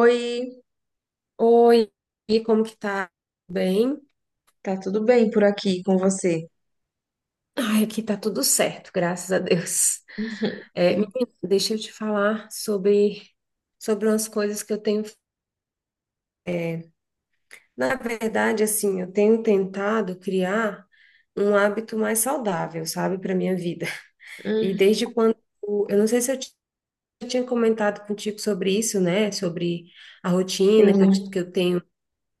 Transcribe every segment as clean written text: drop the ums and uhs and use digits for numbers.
Oi, Oi, e como que tá? Tudo bem? tá tudo bem por aqui com você? Ai, aqui tá tudo certo, graças a Deus. É, menina, deixa eu te falar sobre umas coisas que eu tenho. Na verdade, assim, eu tenho tentado criar um hábito mais saudável, sabe, para minha vida. E Hum, desde quando, eu não sei se eu tinha comentado contigo sobre isso, né? Sobre a rotina que eu, ti- sim. que eu tenho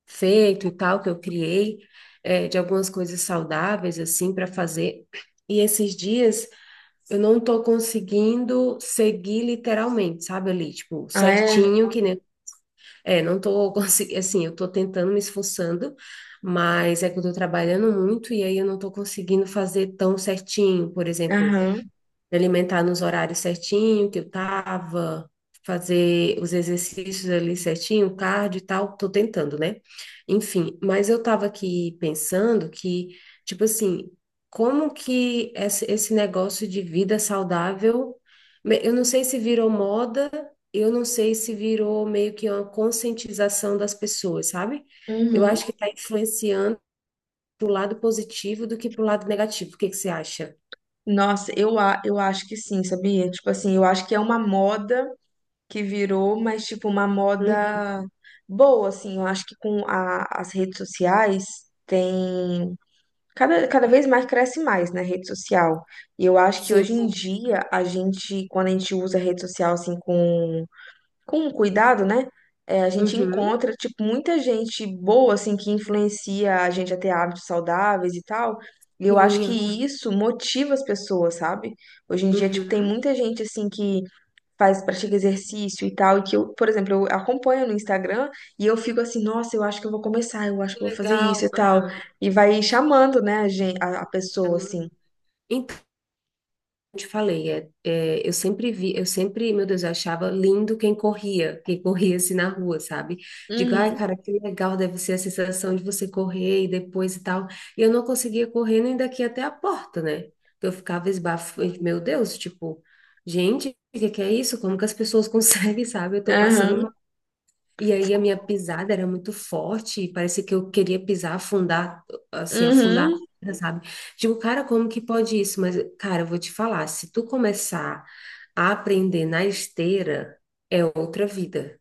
feito e tal, que eu criei, de algumas coisas saudáveis, assim, para fazer. E esses dias eu não tô conseguindo seguir literalmente, sabe, ali, tipo, Ah, é? certinho, que nem. É, não tô conseguindo, assim, eu tô tentando, me esforçando, mas é que eu tô trabalhando muito e aí eu não tô conseguindo fazer tão certinho, por exemplo Aham. me alimentar nos horários certinho que eu tava, fazer os exercícios ali certinho, cardio e tal, tô tentando, né? Enfim, mas eu tava aqui pensando que, tipo assim, como que esse negócio de vida saudável, eu não sei se virou moda, eu não sei se virou meio que uma conscientização das pessoas, sabe? Eu Uhum. acho que está influenciando pro lado positivo do que pro lado negativo. O que que você acha? Nossa, eu acho que sim, sabia? Tipo assim, eu acho que é uma moda que virou, mas tipo uma Hum, moda boa, assim. Eu acho que com as redes sociais tem cada vez mais cresce mais, né, rede social. E eu acho que sim. hoje em, sim, dia a gente, quando a gente usa a rede social assim com cuidado, né? É, a gente Uhum. encontra, tipo, muita gente boa, assim, que influencia a gente a ter hábitos saudáveis e tal. E eu acho que Sim. isso motiva as pessoas, sabe? Hoje em dia, tipo, tem Uhum. muita gente, assim, que faz, pratica exercício e tal, e que eu, por exemplo, eu acompanho no Instagram e eu fico assim, nossa, eu acho que eu vou começar, eu acho Que que eu vou fazer isso legal. e tal. Aham. E vai chamando, né, a gente, a pessoa, assim. Chamando. Então, eu te falei, eu sempre vi, eu sempre, meu Deus, eu achava lindo quem corria assim na rua, sabe? Digo, ai, Uhum, cara, que legal deve ser a sensação de você correr e depois e tal. E eu não conseguia correr nem daqui até a porta, né? Então, eu ficava esbafo, meu Deus, tipo, gente, o que que é isso? Como que as pessoas conseguem, sabe? Eu tô aham, passando. E aí a minha pisada era muito forte, parecia que eu queria pisar, afundar, assim, afundar, uhum, sabe? Digo, cara, como que pode isso? Mas, cara, eu vou te falar, se tu começar a aprender na esteira, é outra vida.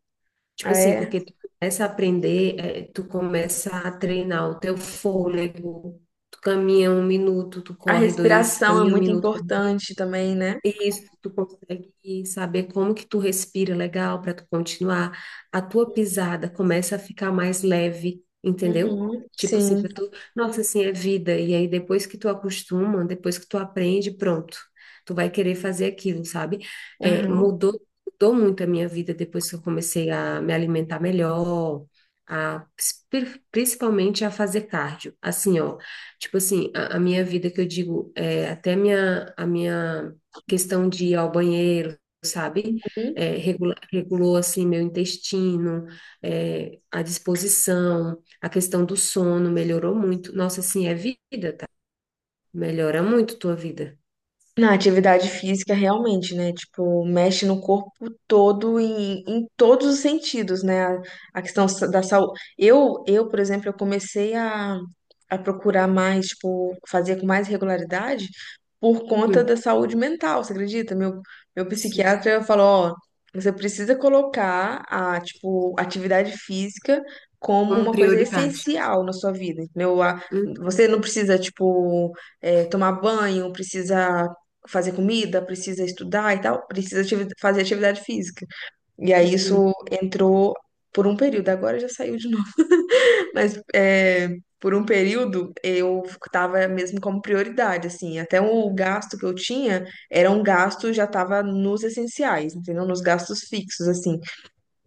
Tipo assim, é. porque tu começa a aprender, tu começa a treinar o teu fôlego, tu caminha um minuto, tu A corre dois, respiração é caminha um muito minuto, importante também, né? isso, tu consegue saber como que tu respira legal para tu continuar. A tua pisada começa a ficar mais leve, entendeu? Uhum, Tipo assim, sim, pra tu, nossa, assim é vida. E aí depois que tu acostuma, depois que tu aprende, pronto. Tu vai querer fazer aquilo, sabe? É, aham, mudou muito a minha vida depois que eu comecei a me alimentar melhor, a principalmente a fazer cardio. Assim, ó, tipo assim, a minha vida que eu digo, até a minha questão de ir ao banheiro, sabe? uhum. É, regulou, assim, meu intestino, a disposição, a questão do sono melhorou muito. Nossa, assim, é vida, tá? Melhora muito tua vida. Na atividade física, realmente, né? Tipo, mexe no corpo todo em todos os sentidos, né? A questão da saúde. Eu, por exemplo, eu comecei a procurar mais, tipo, fazer com mais regularidade por conta Uhum, da saúde mental, você acredita? Meu sim. psiquiatra falou, ó, você precisa colocar a, tipo, atividade física como Como uma coisa prioridade. essencial na sua vida, entendeu? Você não precisa, tipo, tomar banho, precisa fazer comida, precisa estudar e tal, precisa fazer atividade física. E aí Uhum, isso entrou por um período, agora já saiu de novo, mas é, por um período eu tava mesmo como prioridade, assim, até o gasto que eu tinha era um gasto, já tava nos essenciais, entendeu? Nos gastos fixos, assim.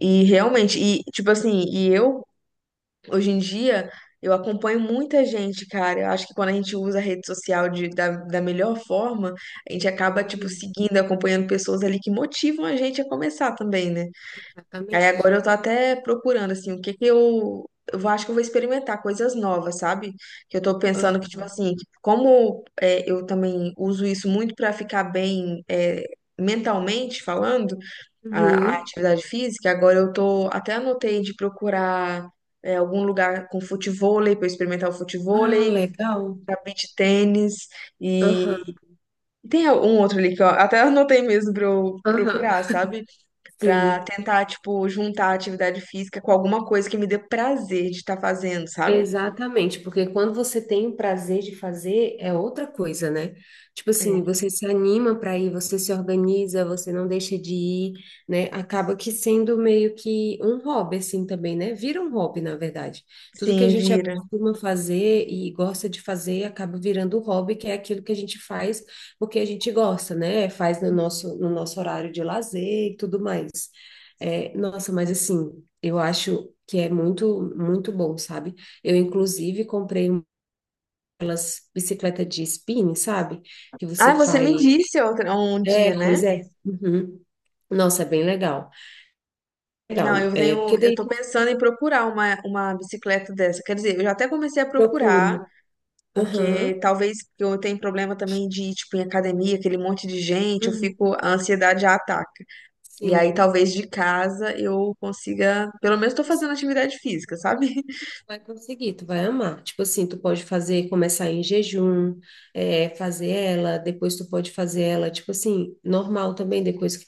E realmente, e tipo assim, e eu Hoje em dia, eu acompanho muita gente, cara. Eu acho que quando a gente usa a rede social da melhor forma, a gente acaba, tipo, uhum, seguindo, acompanhando pessoas ali que motivam a gente a começar também, né? Aí agora exatamente. eu tô até procurando, assim, o que que eu. Acho que eu vou experimentar coisas novas, sabe? Que eu tô pensando que, tipo Aham. assim, como é, eu também uso isso muito pra ficar bem é, mentalmente falando a Uhum. atividade física, agora eu tô até anotei de procurar é, algum lugar com futevôlei para experimentar o Ah, futevôlei, legal. ficar beach tênis e Aham, tem um outro ali que eu até anotei mesmo para eu aham. procurar, sabe? Para Sim. tentar tipo juntar a atividade física com alguma coisa que me dê prazer de estar fazendo, sabe? Exatamente, porque quando você tem o prazer de fazer, é outra coisa, né? Tipo assim, É. você se anima para ir, você se organiza, você não deixa de ir, né? Acaba que sendo meio que um hobby, assim também, né? Vira um hobby, na verdade. Tudo que a Sim, gente vira. acostuma fazer e gosta de fazer acaba virando um hobby, que é aquilo que a gente faz porque a gente gosta, né? Faz no nosso horário de lazer e tudo mais. É, nossa, mas assim, eu acho que é muito, muito bom, sabe? Eu, inclusive, comprei umas bicicleta de spinning, sabe? Que Ah, você você faz. me disse outra, um É, dia, né? pois é. Uhum. Nossa, é bem legal. Não, Legal. eu É, tenho, porque eu daí tô tu pensando em procurar uma bicicleta dessa. Quer dizer, eu já até comecei a procurar, procura. Aham. porque talvez eu tenha problema também de ir, tipo, em academia, aquele monte de gente, eu Uhum. fico, a ansiedade já ataca. E aí Sim. talvez de casa eu consiga, Tu pelo menos estou fazendo atividade física, sabe? vai conseguir, tu vai amar. Tipo assim, tu pode fazer, começar em jejum, fazer ela, depois tu pode fazer ela, tipo assim, normal também, depois que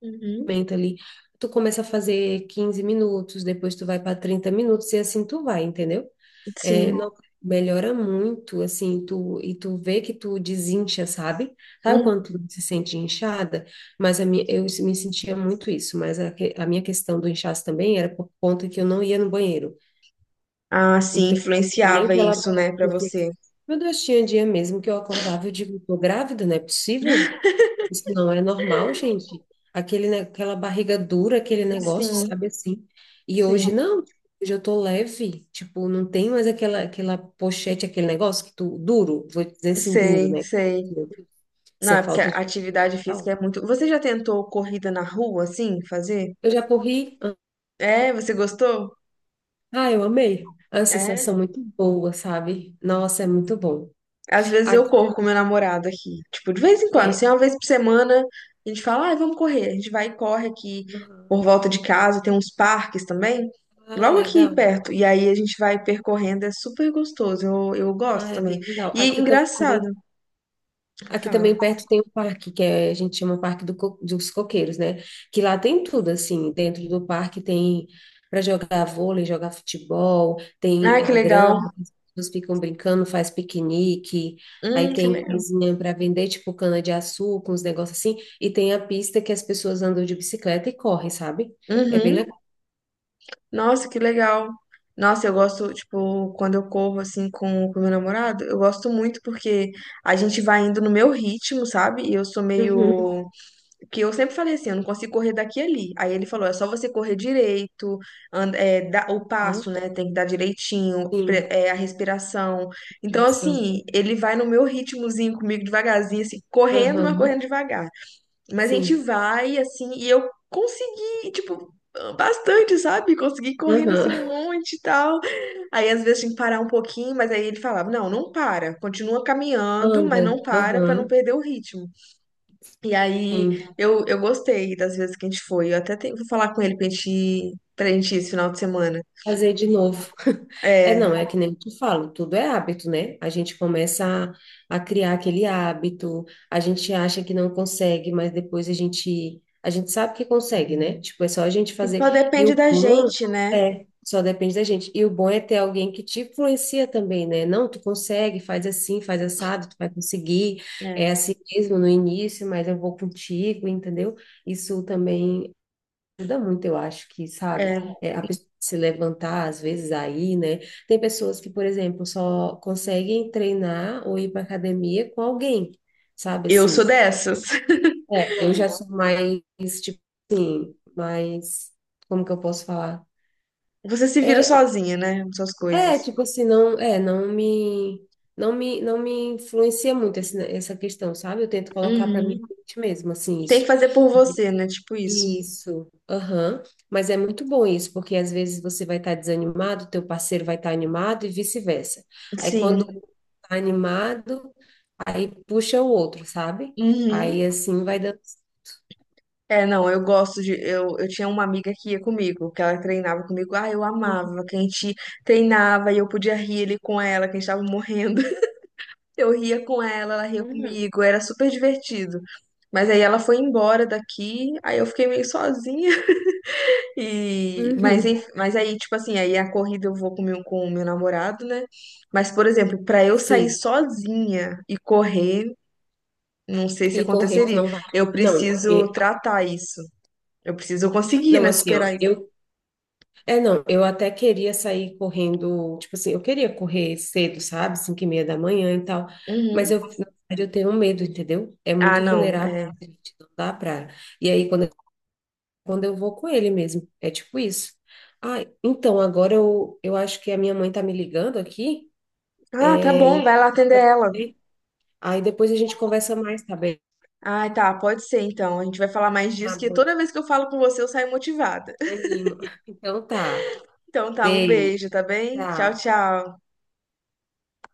Uhum. aumenta ali. Tu começa a fazer 15 minutos, depois tu vai para 30 minutos e assim tu vai, entendeu? É, Sim. não, melhora muito, assim, tu, e tu vê que tu desincha, sabe? Sabe Hum. quando tu se sente inchada? Mas a minha, eu me sentia muito isso, mas a minha questão do inchaço também era por conta que eu não ia no banheiro. Ah, sim, Então, tinha influenciava aquela... isso, né, pra você. Meu Deus, tinha dia mesmo que eu acordava e eu digo, tô grávida, não é possível? Isso não é normal, gente. Aquele, ne- aquela barriga dura, aquele negócio, Sim, sabe assim. E sim. hoje não, tipo, hoje eu tô leve, tipo, não tem mais aquela pochete, aquele negócio que tu, duro, vou dizer assim, duro, Sei, né? sei. Meu Deus, isso Não, é é porque a falta de atividade física ideal. é muito. Você já tentou corrida na rua, assim, fazer? Eu já corri, É, você gostou? ah, eu amei. É uma É. sensação muito boa, sabe? Nossa, é muito bom. Às vezes eu Aqui, corro com meu namorado aqui. Tipo, de vez em quando, é, assim, uma vez por semana, a gente fala, ai, vamos correr. A gente vai e corre aqui por volta de casa, tem uns parques também, ah, logo aqui legal. perto. E aí a gente vai percorrendo, é super gostoso. Eu Ah, gosto é também. bem legal. E Aqui engraçado, também. Aqui também fala. perto tem um parque que a gente chama Parque dos Coqueiros, né? Que lá tem tudo, assim. Dentro do parque tem para jogar vôlei, jogar futebol, tem Ah, que a legal. grama, as pessoas ficam brincando, faz piquenique. Aí Que tem legal. coisinha para vender, tipo cana-de-açúcar, uns negócios assim. E tem a pista que as pessoas andam de bicicleta e correm, sabe? É bem Uhum. legal. Nossa, que legal. Nossa, eu gosto, tipo, quando eu corro assim com o meu namorado, eu gosto muito porque a gente vai indo no meu ritmo, sabe? E eu sou Uhum. meio que eu sempre falei assim, eu não consigo correr daqui e ali. Aí ele falou, é só você correr direito, o Aham. passo, né? Tem que dar direitinho, Sim, a respiração. Então, direção. assim, ele vai no meu ritmozinho comigo, devagarzinho, assim, correndo, mas correndo Aham. devagar. Mas a gente Sim. vai, assim, e eu consegui, tipo, bastante, sabe? Consegui correndo, assim, Aham. um monte e tal. Aí, às vezes, tinha que parar um pouquinho, mas aí ele falava, não, não para, continua caminhando, mas Anda. não para pra não Aham. perder o ritmo. E aí Sim. eu gostei das vezes que a gente foi. Eu até tenho, vou falar com ele pra gente, ir esse final de semana. Fazer de novo. É, não, É, é que nem tu falo, tudo é hábito, né? A gente começa a criar aquele hábito, a gente acha que não consegue, mas depois a gente sabe que consegue, né? Tipo, é só a gente e só fazer. E depende o da bom gente, né? é, só depende da gente. E o bom é ter alguém que te influencia também, né? Não, tu consegue, faz assim, faz assado, tu vai conseguir. É É, assim mesmo no início, mas eu vou contigo, entendeu? Isso também ajuda muito, eu acho que, sabe, é. A pessoa se levantar, às vezes, aí, né? Tem pessoas que, por exemplo, só conseguem treinar ou ir para academia com alguém, sabe, Eu sou assim. dessas. É, eu já sou mais, tipo assim, mais, como que eu posso falar? Você se vira É, sozinha, né? Com suas é, coisas. tipo assim, não, é, não me influencia muito essa questão, sabe? Eu tento colocar para mim Uhum. mesmo, assim, Tem isso. que fazer por você, né? Tipo isso. Isso, aham. Mas é muito bom isso, porque às vezes você vai estar desanimado, teu parceiro vai estar animado e vice-versa. Aí quando um Sim. tá animado, aí puxa o outro, sabe? Uhum. Aí assim vai dando. É, não, eu gosto de. Eu tinha uma amiga que ia comigo, que ela treinava comigo. Ah, eu Uhum. amava, que a gente treinava e eu podia rir ali com ela, que a gente tava morrendo. Eu ria com ela, ela ria Uhum. comigo, era super divertido. Mas aí ela foi embora daqui, aí eu fiquei meio sozinha. E mas, Uhum. enf- mas aí, tipo assim, aí a corrida eu vou com o meu, namorado, né? Mas, por exemplo, pra eu sair Sim. sozinha e correr, não sei se E correr, tu aconteceria. não vai. Eu Não, preciso tratar isso. Eu preciso conseguir, não, né? assim, ó, Superar isso. eu é, não, eu até queria sair correndo, tipo assim, eu queria correr cedo, sabe? 5:30 da manhã e tal, mas Uhum. eu, na verdade, eu tenho medo, entendeu? É Ah, muito não, vulnerável, é. gente, não dá pra... E aí, quando eu vou com ele mesmo, é tipo isso. Ah, então, agora eu acho que a minha mãe tá me ligando aqui, Ah, tá é, bom, e... vai lá atender ela. aí depois a gente conversa mais, tá bem? Ah, tá, pode ser então. A gente vai falar mais Tá disso, que bom, toda vez que eu falo com você, eu saio motivada. anima. Então tá, Então tá, um beijo, beijo, tá bem? Tchau, tchau. tchau.